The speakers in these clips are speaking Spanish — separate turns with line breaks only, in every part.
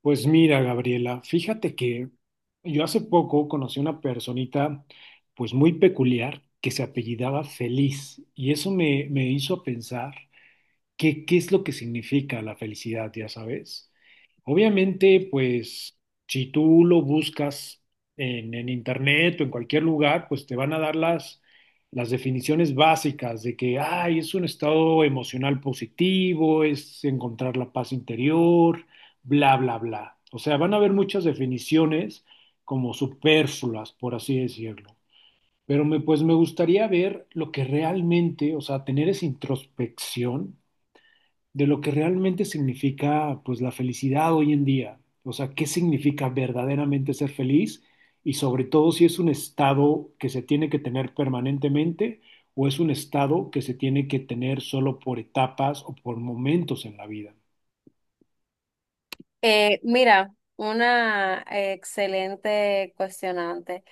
Pues mira, Gabriela, fíjate que yo hace poco conocí una personita pues muy peculiar que se apellidaba Feliz y eso me hizo pensar qué es lo que significa la felicidad, ya sabes. Obviamente, pues si tú lo buscas en internet o en cualquier lugar, pues te van a dar las definiciones básicas de que, ay, es un estado emocional positivo, es encontrar la paz interior, bla, bla, bla. O sea, van a haber muchas definiciones como superfluas, por así decirlo. Pero pues me gustaría ver lo que realmente, o sea, tener esa introspección de lo que realmente significa pues la felicidad hoy en día. O sea, qué significa verdaderamente ser feliz y sobre todo si es un estado que se tiene que tener permanentemente o es un estado que se tiene que tener solo por etapas o por momentos en la vida.
Mira, una Excelente cuestionante.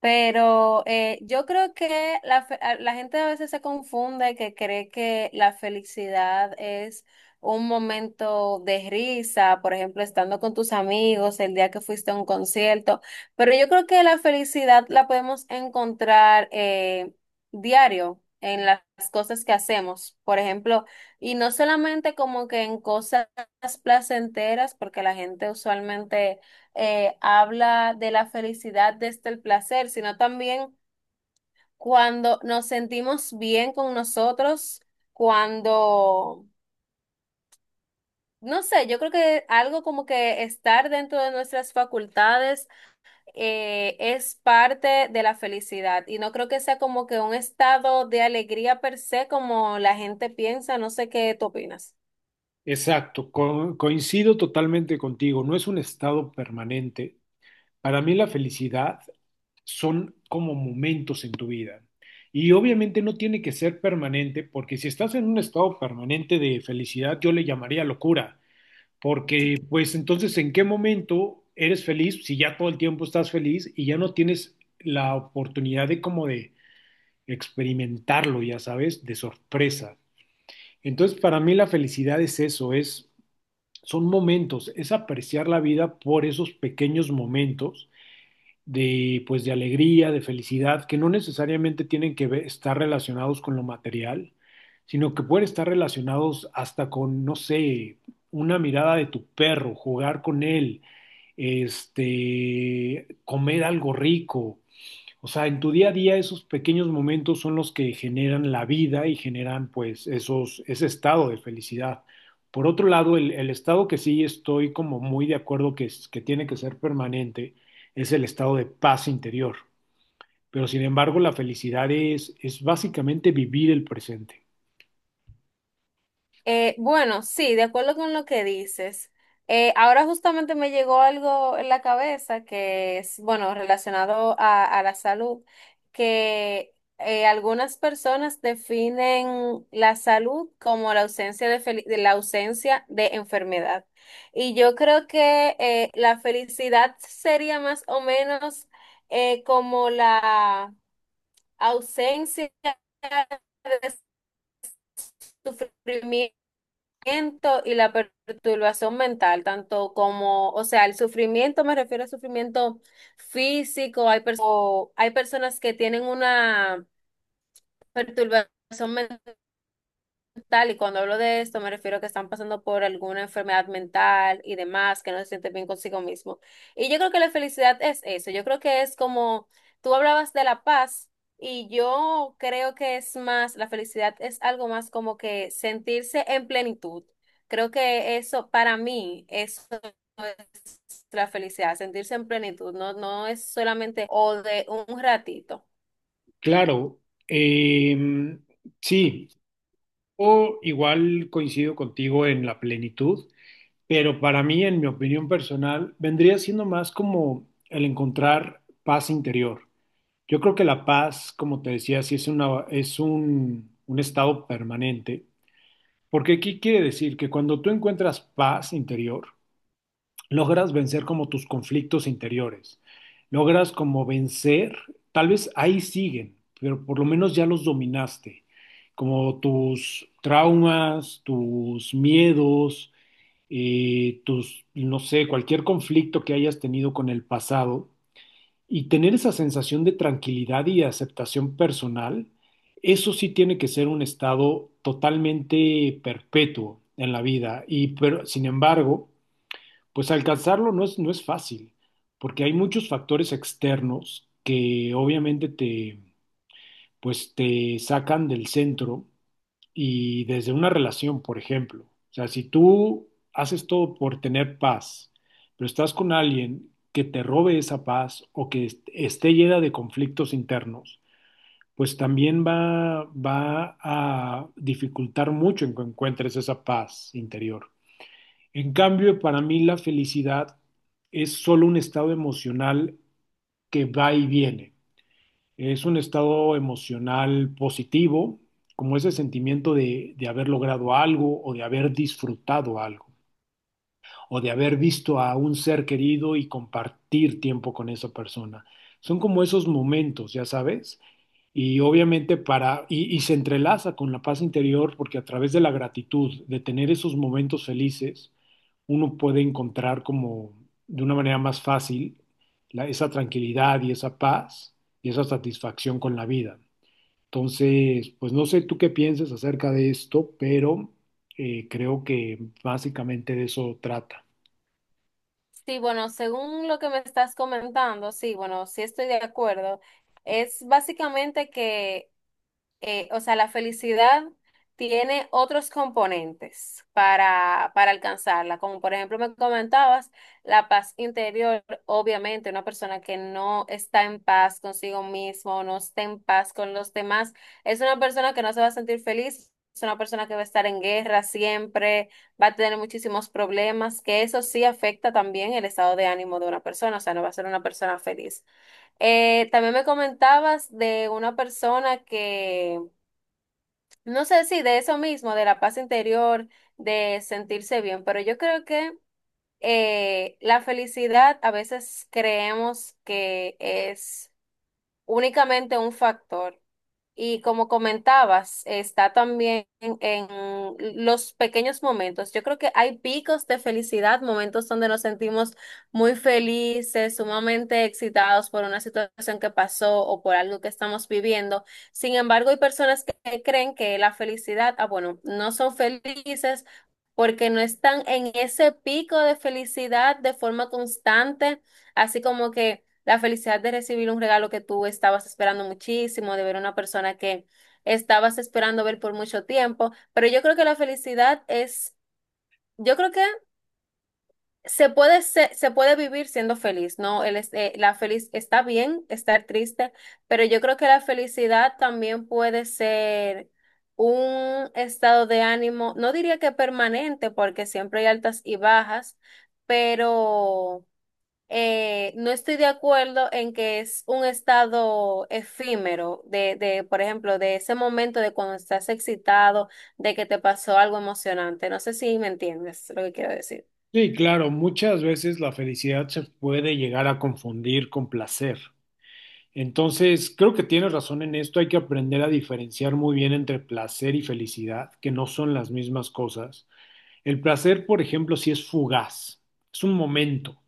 Yo creo que la gente a veces se confunde que cree que la felicidad es un momento de risa, por ejemplo, estando con tus amigos, el día que fuiste a un concierto, pero yo creo que la felicidad la podemos encontrar diario en las cosas que hacemos, por ejemplo, y no solamente como que en cosas placenteras, porque la gente usualmente habla de la felicidad desde el placer, sino también cuando nos sentimos bien con nosotros, cuando, no sé, yo creo que algo como que estar dentro de nuestras facultades es parte de la felicidad y no creo que sea como que un estado de alegría per se como la gente piensa. No sé qué tú opinas.
Exacto, coincido totalmente contigo, no es un estado permanente. Para mí la felicidad son como momentos en tu vida. Y obviamente no tiene que ser permanente, porque si estás en un estado permanente de felicidad, yo le llamaría locura, porque pues entonces ¿en qué momento eres feliz si ya todo el tiempo estás feliz y ya no tienes la oportunidad de como de experimentarlo, ya sabes, de sorpresa? Entonces para mí la felicidad es eso, es son momentos, es apreciar la vida por esos pequeños momentos de, pues, de alegría, de felicidad, que no necesariamente estar relacionados con lo material, sino que pueden estar relacionados hasta con, no sé, una mirada de tu perro, jugar con él, este, comer algo rico, o sea, en tu día a día esos pequeños momentos son los que generan la vida y generan pues ese estado de felicidad. Por otro lado, el estado que sí estoy como muy de acuerdo que, que tiene que ser permanente es el estado de paz interior. Pero sin embargo, la felicidad es básicamente vivir el presente.
Bueno, sí, de acuerdo con lo que dices. Ahora justamente me llegó algo en la cabeza que es, bueno, relacionado a la salud, que algunas personas definen la salud como la ausencia de la ausencia de enfermedad. Y yo creo que la felicidad sería más o menos como la ausencia de sufrimiento sufrimiento y la perturbación mental, tanto como, o sea, el sufrimiento, me refiero a sufrimiento físico. Hay personas que tienen una perturbación mental tal, y cuando hablo de esto, me refiero a que están pasando por alguna enfermedad mental y demás, que no se sienten bien consigo mismo. Y yo creo que la felicidad es eso. Yo creo que es como tú hablabas de la paz, y yo creo que es más, la felicidad es algo más como que sentirse en plenitud. Creo que eso, para mí, eso es la felicidad, sentirse en plenitud. No, no es solamente o de un ratito.
Claro, eh, sí, o igual coincido contigo en la plenitud. Pero para mí, en mi opinión personal, vendría siendo más como el encontrar paz interior. Yo creo que la paz, como te decía, sí es una, es un estado permanente, porque ¿qué quiere decir? Que cuando tú encuentras paz interior, logras vencer como tus conflictos interiores, logras como vencer, tal vez ahí siguen, pero por lo menos ya los dominaste, como tus traumas, tus miedos, no sé, cualquier conflicto que hayas tenido con el pasado y tener esa sensación de tranquilidad y aceptación personal, eso sí tiene que ser un estado totalmente perpetuo en la vida. Y pero, sin embargo, pues alcanzarlo no no es fácil, porque hay muchos factores externos que obviamente te, pues te sacan del centro y desde una relación, por ejemplo. O sea, si tú haces todo por tener paz, pero estás con alguien que te robe esa paz o que esté llena de conflictos internos, pues también va a dificultar mucho en que encuentres esa paz interior. En cambio, para mí la felicidad es solo un estado emocional que va y viene. Es un estado emocional positivo, como ese sentimiento de haber logrado algo o de haber disfrutado algo o de haber visto a un ser querido y compartir tiempo con esa persona. Son como esos momentos, ya sabes, y obviamente y se entrelaza con la paz interior porque a través de la gratitud, de tener esos momentos felices, uno puede encontrar como de una manera más fácil esa tranquilidad y esa paz y esa satisfacción con la vida. Entonces, pues no sé tú qué pienses acerca de esto, pero creo que básicamente de eso trata.
Sí, bueno, según lo que me estás comentando, sí, bueno, sí estoy de acuerdo. Es básicamente que o sea, la felicidad tiene otros componentes para alcanzarla, como por ejemplo me comentabas, la paz interior. Obviamente una persona que no está en paz consigo mismo, no está en paz con los demás, es una persona que no se va a sentir feliz. Es una persona que va a estar en guerra siempre, va a tener muchísimos problemas, que eso sí afecta también el estado de ánimo de una persona, o sea, no va a ser una persona feliz. También me comentabas de una persona que no sé si de eso mismo, de la paz interior, de sentirse bien, pero yo creo que la felicidad a veces creemos que es únicamente un factor y, como comentabas, está también en los pequeños momentos. Yo creo que hay picos de felicidad, momentos donde nos sentimos muy felices, sumamente excitados por una situación que pasó o por algo que estamos viviendo. Sin embargo, hay personas que creen que la felicidad, ah, bueno, no son felices porque no están en ese pico de felicidad de forma constante, así como que... la felicidad de recibir un regalo que tú estabas esperando muchísimo, de ver a una persona que estabas esperando ver por mucho tiempo. Pero yo creo que la felicidad es, yo creo que se puede vivir siendo feliz, ¿no? La feliz está bien estar triste, pero yo creo que la felicidad también puede ser un estado de ánimo, no diría que permanente, porque siempre hay altas y bajas, pero no estoy de acuerdo en que es un estado efímero por ejemplo, de ese momento de cuando estás excitado, de que te pasó algo emocionante. No sé si me entiendes lo que quiero decir.
Sí, claro, muchas veces la felicidad se puede llegar a confundir con placer. Entonces, creo que tienes razón en esto, hay que aprender a diferenciar muy bien entre placer y felicidad, que no son las mismas cosas. El placer, por ejemplo, sí es fugaz, es un momento,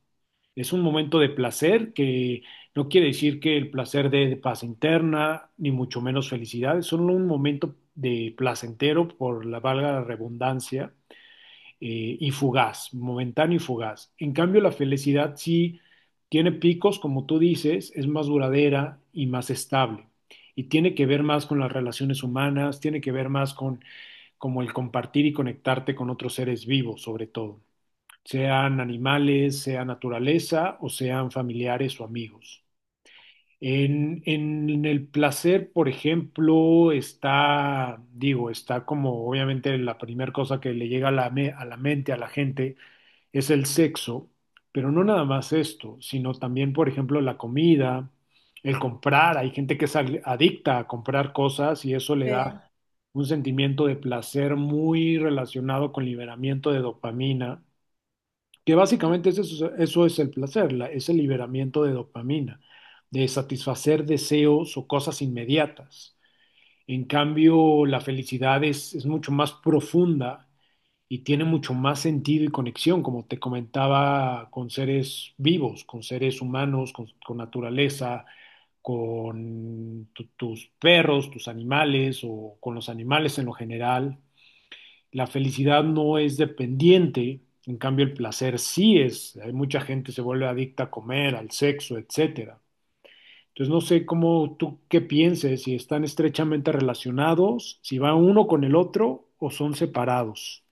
es un momento de placer que no quiere decir que el placer dé paz interna, ni mucho menos felicidad, es solo un momento de placentero, por la valga la redundancia y fugaz, momentáneo y fugaz. En cambio, la felicidad sí tiene picos, como tú dices, es más duradera y más estable. Y tiene que ver más con las relaciones humanas, tiene que ver más con como el compartir y conectarte con otros seres vivos, sobre todo, sean animales, sea naturaleza o sean familiares o amigos. En el placer, por ejemplo, está, digo, está como obviamente la primera cosa que le llega a a la mente a la gente es el sexo, pero no nada más esto, sino también, por ejemplo, la comida, el comprar. Hay gente que es adicta a comprar cosas y eso le da un sentimiento de placer muy relacionado con liberamiento de dopamina, que básicamente es eso, eso es el placer, es el liberamiento de dopamina, de satisfacer deseos o cosas inmediatas. En cambio, la felicidad es mucho más profunda y tiene mucho más sentido y conexión, como te comentaba, con seres vivos, con seres humanos, con naturaleza, con tus perros, tus animales o con los animales en lo general. La felicidad no es dependiente, en cambio el placer sí es. Hay mucha gente se vuelve adicta a comer, al sexo, etcétera. Entonces no sé cómo tú qué pienses, si están estrechamente relacionados, si va uno con el otro o son separados.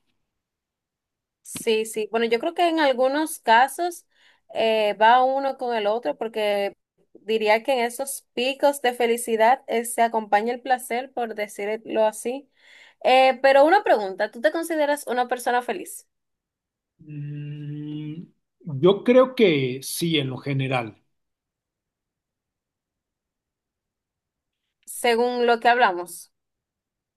Sí, sí. Bueno, yo creo que en algunos casos va uno con el otro porque diría que en esos picos de felicidad se acompaña el placer, por decirlo así. Pero una pregunta, ¿tú te consideras una persona feliz
Mm, yo creo que sí, en lo general.
según lo que hablamos?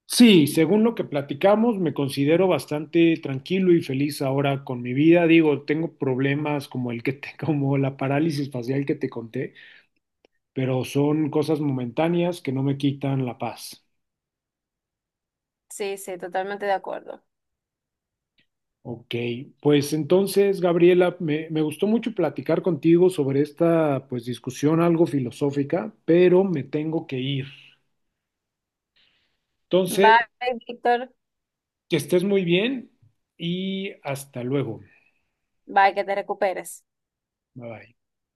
Sí, según lo que platicamos, me considero bastante tranquilo y feliz ahora con mi vida. Digo, tengo problemas como el que te- como la parálisis facial que te conté, pero son cosas momentáneas que no me quitan la paz.
Sí, sí, totalmente de acuerdo.
Ok, pues entonces, Gabriela, me gustó mucho platicar contigo sobre esta pues discusión algo filosófica, pero me tengo que ir. Entonces,
Bye, Víctor.
que estés muy bien y hasta luego.
Bye, que te recuperes.
Bye bye.